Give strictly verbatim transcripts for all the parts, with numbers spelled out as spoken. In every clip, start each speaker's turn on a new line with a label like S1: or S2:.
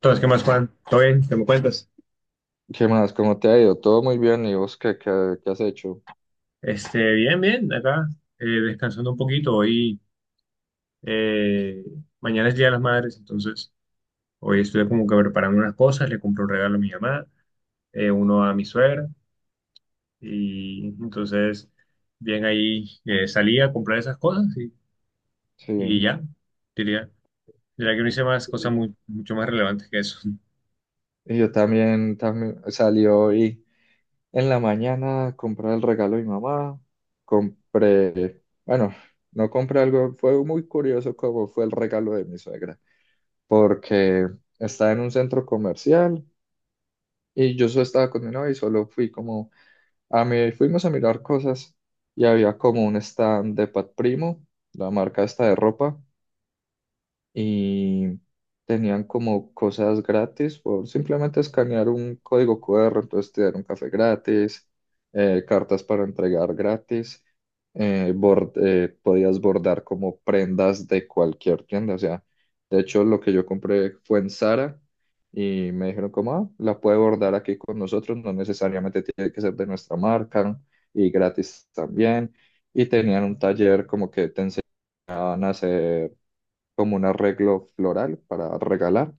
S1: Entonces, ¿qué más, Juan? ¿Todo bien? ¿Qué me cuentas?
S2: ¿Qué más? ¿Cómo te ha ido? Todo muy bien. ¿Y vos qué, qué, qué has hecho?
S1: Este, bien, bien, acá, eh, descansando un poquito. Hoy, eh, Mañana es Día de las Madres, entonces hoy estoy como que preparando unas cosas, le compro un regalo a mi mamá, eh, uno a mi suegra, y entonces, bien ahí, eh, salí a comprar esas cosas y, y
S2: Sí.
S1: ya, diría, diría que no hice más cosas
S2: Y,
S1: mu- mucho más relevantes que eso.
S2: y yo también, también salí hoy en la mañana a comprar el regalo de mi mamá. Compré, bueno, no compré algo. Fue muy curioso cómo fue el regalo de mi suegra. Porque estaba en un centro comercial y yo solo estaba con mi novia y solo fui como a mí, fuimos a mirar cosas y había como un stand de Pat Primo, la marca esta de ropa y tenían como cosas gratis por simplemente escanear un código Q R, entonces te dieron café gratis, eh, cartas para entregar gratis, eh, bord- eh, podías bordar como prendas de cualquier tienda, o sea, de hecho lo que yo compré fue en Zara y me dijeron como, "Ah, la puede bordar aquí con nosotros, no necesariamente tiene que ser de nuestra marca y gratis también", y tenían un taller como que te enseñaban a hacer como un arreglo floral para regalar.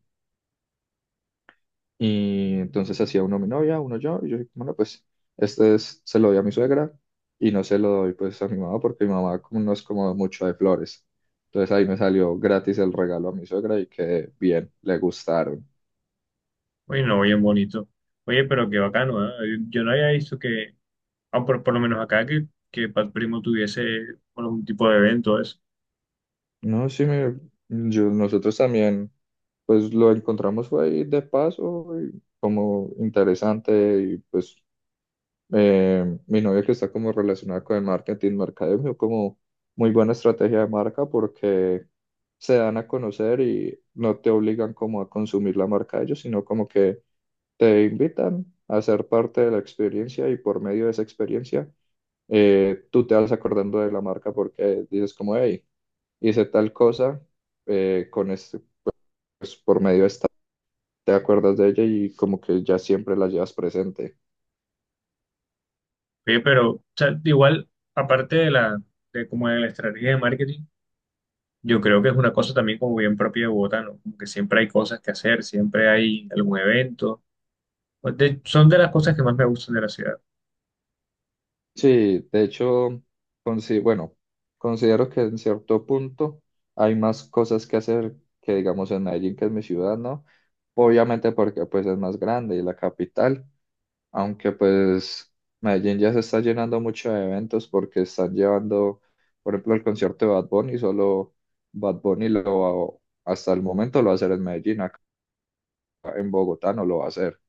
S2: Y entonces hacía uno a mi novia, uno yo, y yo dije, bueno, pues este es- se lo doy a mi suegra y no se lo doy pues a mi mamá porque mi mamá como no es como mucho de flores. Entonces ahí me salió gratis el regalo a mi suegra y que bien, le gustaron.
S1: Oye, no, bien bonito. Oye, pero qué bacano, ¿eh? Yo no había visto que... Ah, por, por lo menos acá que, que Pat Primo tuviese, bueno, algún tipo de evento, eso.
S2: No, sí, me, yo, nosotros también pues lo encontramos fue ahí de paso y como interesante y pues eh, mi novia que está como relacionada con el marketing, mercadeo, vio como muy buena estrategia de marca porque se dan a conocer y no te obligan como a consumir la marca de ellos, sino como que te invitan a ser parte de la experiencia y por medio de esa experiencia eh, tú te vas acordando de la marca porque dices como, hey, hice tal cosa eh, con este, pues por medio de esta, te acuerdas de ella y como que ya siempre la llevas presente.
S1: Oye, pero o sea, igual, aparte de la, de como de la estrategia de marketing, yo creo que es una cosa también como bien propia de Bogotá, ¿no? Como que siempre hay cosas que hacer, siempre hay algún evento. Pues de- son de las cosas que más me gustan de la ciudad.
S2: Sí, de hecho, consi- bueno, considero que en cierto punto hay más cosas que hacer que digamos en Medellín, que es mi ciudad, ¿no? Obviamente porque pues es más grande y la capital, aunque pues Medellín ya se está llenando mucho de eventos porque están llevando, por ejemplo, el concierto de Bad Bunny, solo Bad Bunny lo va- hasta el momento lo va a hacer en Medellín, acá en Bogotá no lo va a hacer.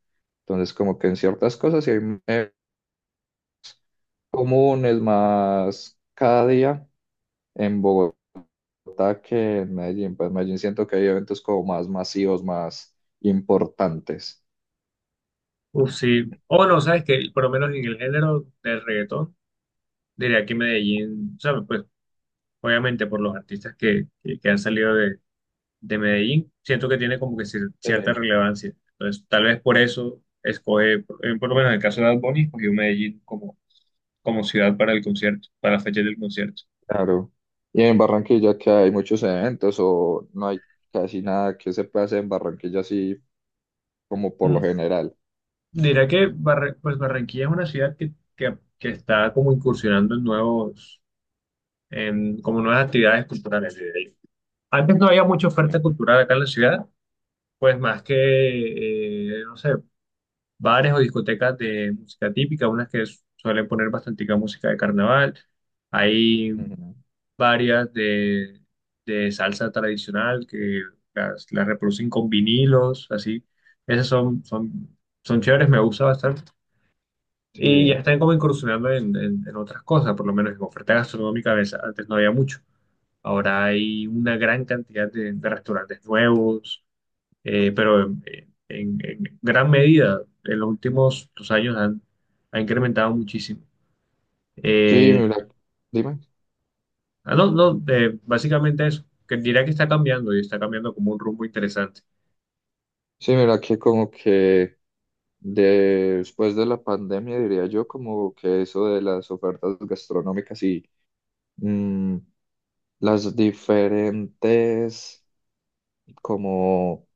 S2: Entonces como que en ciertas cosas sí hay comunes, más cada día en Bogotá que en Medellín. Pues en Medellín siento que hay eventos como más masivos, más importantes.
S1: Uf, sí. O no, sabes que por lo menos en el género del reggaetón, diría que Medellín, o sea, pues obviamente por los artistas que, que, que han salido de de Medellín, siento que tiene como que cier-
S2: Sí,
S1: cierta relevancia. Entonces, tal vez por eso escoge, por eh, por lo menos en el caso de Bad Bunny, escogió Medellín como, como ciudad para el concierto, para la fecha del concierto.
S2: claro. ¿Y en Barranquilla que hay muchos eventos o no hay casi nada que se pase en Barranquilla así como por lo
S1: Mm,
S2: general?
S1: diré que Barre- pues Barranquilla es una ciudad que, que- que está como incursionando en nuevos, en como nuevas actividades culturales. Diré yo. Antes no había mucha oferta
S2: Sí.
S1: cultural acá en la ciudad, pues más que, eh, no sé, bares o discotecas de música típica, unas que su- suelen poner bastante música de carnaval. Hay
S2: Ujú.
S1: varias de, de salsa tradicional que las, las reproducen con vinilos, así. Esas son, son, son chéveres, me gusta bastante. Y ya
S2: Sí,
S1: están como incursionando en, en- en otras cosas, por lo menos en oferta gastronómica, a veces antes no había mucho. Ahora hay una gran cantidad de, de restaurantes nuevos, eh, pero en, en- en gran medida en los últimos dos años han, ha incrementado muchísimo.
S2: sí,
S1: Eh,
S2: mira, dime.
S1: ah, no, no, eh, básicamente eso, que diría que está cambiando y está cambiando como un rumbo interesante.
S2: Sí, mira que como que después de la pandemia diría yo como que eso de las ofertas gastronómicas y mm, las diferentes como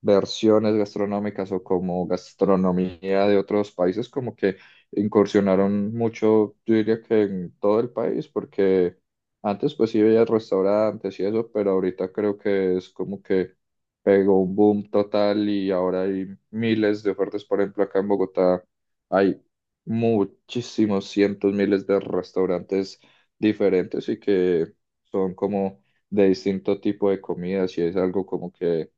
S2: versiones gastronómicas o como gastronomía de otros países, como que incursionaron mucho, yo diría que en todo el país, porque antes pues sí veía restaurantes y eso, pero ahorita creo que es como que pegó un boom total y ahora hay miles de ofertas, por ejemplo, acá en Bogotá hay muchísimos cientos, miles de restaurantes diferentes y que son como de distinto tipo de comidas y es algo como que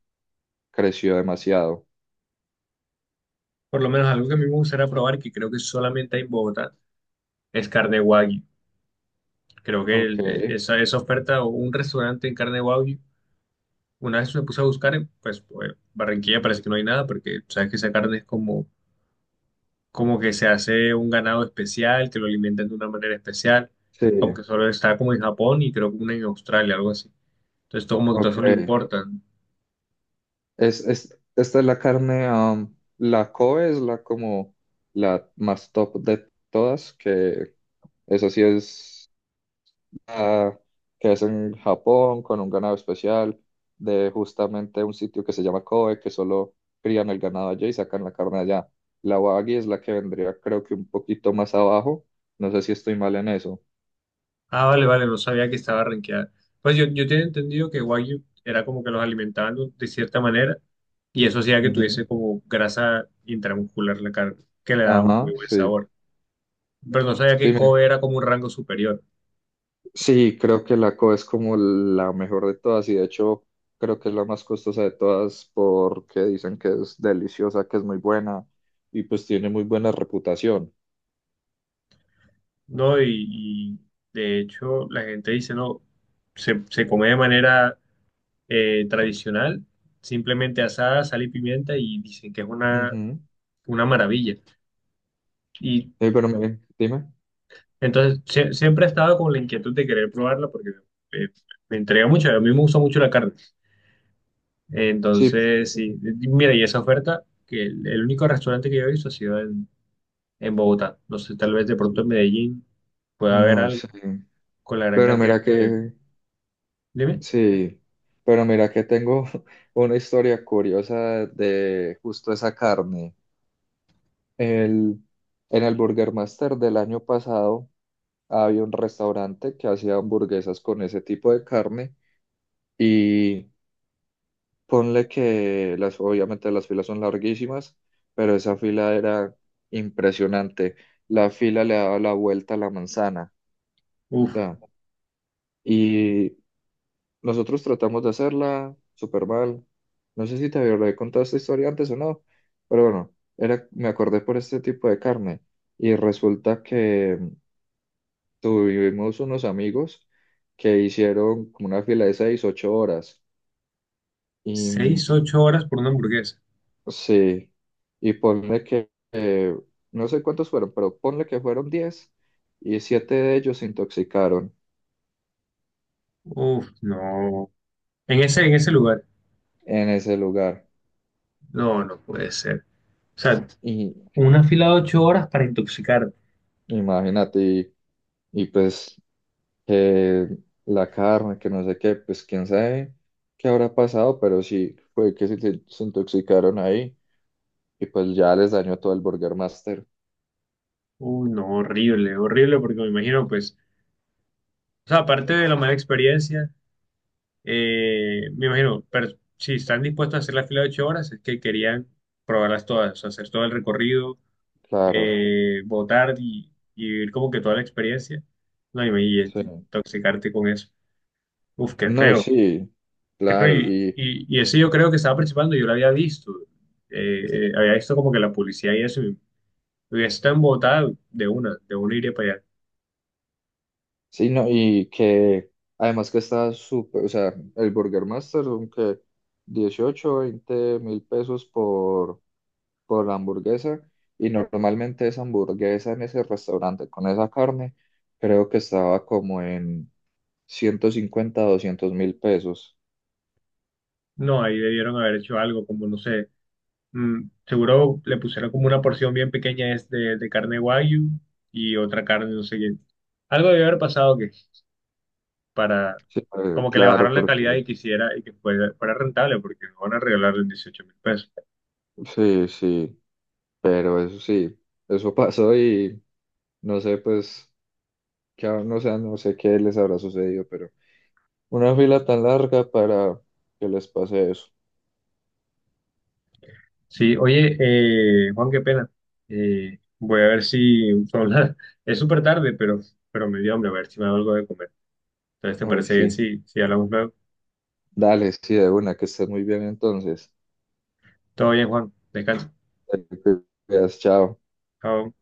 S2: Creció demasiado.
S1: Por lo menos algo que a mí me gustaría probar, que creo que solamente hay en Bogotá, es carne wagyu. Creo que
S2: Ok,
S1: el- eh, esa, esa oferta o un restaurante en carne wagyu, una vez me puse a buscar, en, pues, bueno, Barranquilla parece que no hay nada, porque sabes que esa carne es como como que se hace un ganado especial, que lo alimentan de una manera especial,
S2: sí,
S1: como que solo está como en Japón y creo que una en Australia, algo así. Entonces, todo como que todo
S2: ok.
S1: eso le importan.
S2: Es, es, esta es la carne, um, la Kobe es la como la más top de todas, que esa sí es la que es en Japón con un ganado especial de justamente un sitio que se llama Kobe, que solo crían el ganado allá y sacan la carne allá. La Wagyu es la que vendría creo que un poquito más abajo, no sé si estoy mal en eso.
S1: Ah, vale, vale, no sabía que estaba rankeada. Pues yo, yo tenía entendido que Wagyu era como que los alimentaban de de cierta manera y eso hacía que tuviese
S2: Ujú.
S1: como grasa intramuscular la carne, que le daba un muy
S2: Ajá,
S1: buen
S2: sí.
S1: sabor. Pero no sabía
S2: Sí,
S1: que
S2: me-
S1: Kobe era como un rango superior,
S2: Sí, creo que la Co es como la mejor de todas y de hecho creo que es la más costosa de todas porque dicen que es deliciosa, que es muy buena y pues tiene muy buena reputación.
S1: ¿no? Y, y de hecho la gente dice, no, se, se come de manera eh, tradicional, simplemente asada, sal y pimienta y dicen que es una,
S2: Ujú.
S1: una maravilla. Y
S2: Eh, pero mire, dime.
S1: entonces sie- siempre he estado con la inquietud de querer probarla porque eh, me entrega mucho, a mí me gusta mucho la carne.
S2: Sí.
S1: Entonces, sí, y mira, y esa oferta, que el, el único restaurante que yo he visto ha sido en, en Bogotá. No sé, tal vez de pronto
S2: Sí.
S1: en Medellín pueda haber
S2: No
S1: algo
S2: sé.
S1: con la gran
S2: Pero
S1: cantidad
S2: mira
S1: de...
S2: que,
S1: Dime,
S2: sí, pero mira que tengo una historia curiosa de justo esa carne. El, en el Burger Master del año pasado había un restaurante que hacía hamburguesas con ese tipo de carne y ponle que las, obviamente las filas son larguísimas, pero esa fila era impresionante. La fila le daba la vuelta a la manzana. O
S1: uf,
S2: sea, y nosotros tratamos de hacerla súper mal. No sé si te había contado esta historia antes o no, pero bueno, era, me acordé por este tipo de carne y resulta que Tuvimos unos amigos que hicieron como una fila de seis, ocho horas. Y mm,
S1: seis, ocho horas por una hamburguesa.
S2: sí, y ponle que, eh, no sé cuántos fueron, pero ponle que fueron diez y siete de ellos se intoxicaron
S1: Uf, no. En ese, en ese lugar.
S2: en ese lugar.
S1: No, no puede ser. O sea,
S2: Y
S1: una fila de ocho horas para intoxicarte.
S2: imagínate, y, y pues que la carne, que no sé qué, pues quién sabe qué habrá pasado, pero sí, fue que se, se intoxicaron ahí y pues ya les dañó todo el Burger Master.
S1: Uy, no, horrible, horrible, porque me imagino, pues, o sea, aparte de la mala experiencia, eh, me imagino, pero si están dispuestos a hacer la fila de ocho horas, es que querían probarlas todas, o sea, hacer todo el recorrido,
S2: Claro,
S1: eh, votar y, y vivir como que toda la experiencia. No, y me- y
S2: sí.
S1: intoxicarte con eso. Uf, qué
S2: No,
S1: feo,
S2: sí,
S1: qué feo.
S2: claro,
S1: Y,
S2: y
S1: y, y ese yo creo que estaba participando, yo lo había visto. Eh, eh, había visto como que la publicidad y eso, hubiese estado en Bogotá, de una, de una iría para allá.
S2: sí, no, y que además que está súper, o sea, el Burger Master son que dieciocho, veinte mil pesos por, por la hamburguesa, y normalmente esa hamburguesa en ese restaurante con esa carne, creo que estaba como en ciento cincuenta doscientos mil pesos.
S1: No, ahí debieron haber hecho algo, como no sé. Mm, seguro le pusieron como una porción bien pequeña es de, de carne wagyu y otra carne, no sé qué. Algo debió haber pasado que para,
S2: Sí, eh,
S1: como que le
S2: claro,
S1: bajaron la calidad
S2: porque
S1: y quisiera y que fuera, fuera rentable, porque no van a regalarle dieciocho mil pesos.
S2: sí, sí, pero eso sí, eso pasó y no sé, pues. Que aún no, sé- No sé qué les habrá sucedido, pero una fila tan larga para que les pase eso.
S1: Sí, oye, eh, Juan, qué pena. Eh, voy a ver si son... Es súper tarde, pero, pero me dio hambre, a ver si me hago algo de comer. Entonces, ¿te
S2: Uy,
S1: parece bien
S2: sí.
S1: si, si hablamos luego?
S2: Dale, sí, de una, que estés muy bien entonces.
S1: Todo bien, Juan. Descansa.
S2: Te cuidas, chao.
S1: Chao.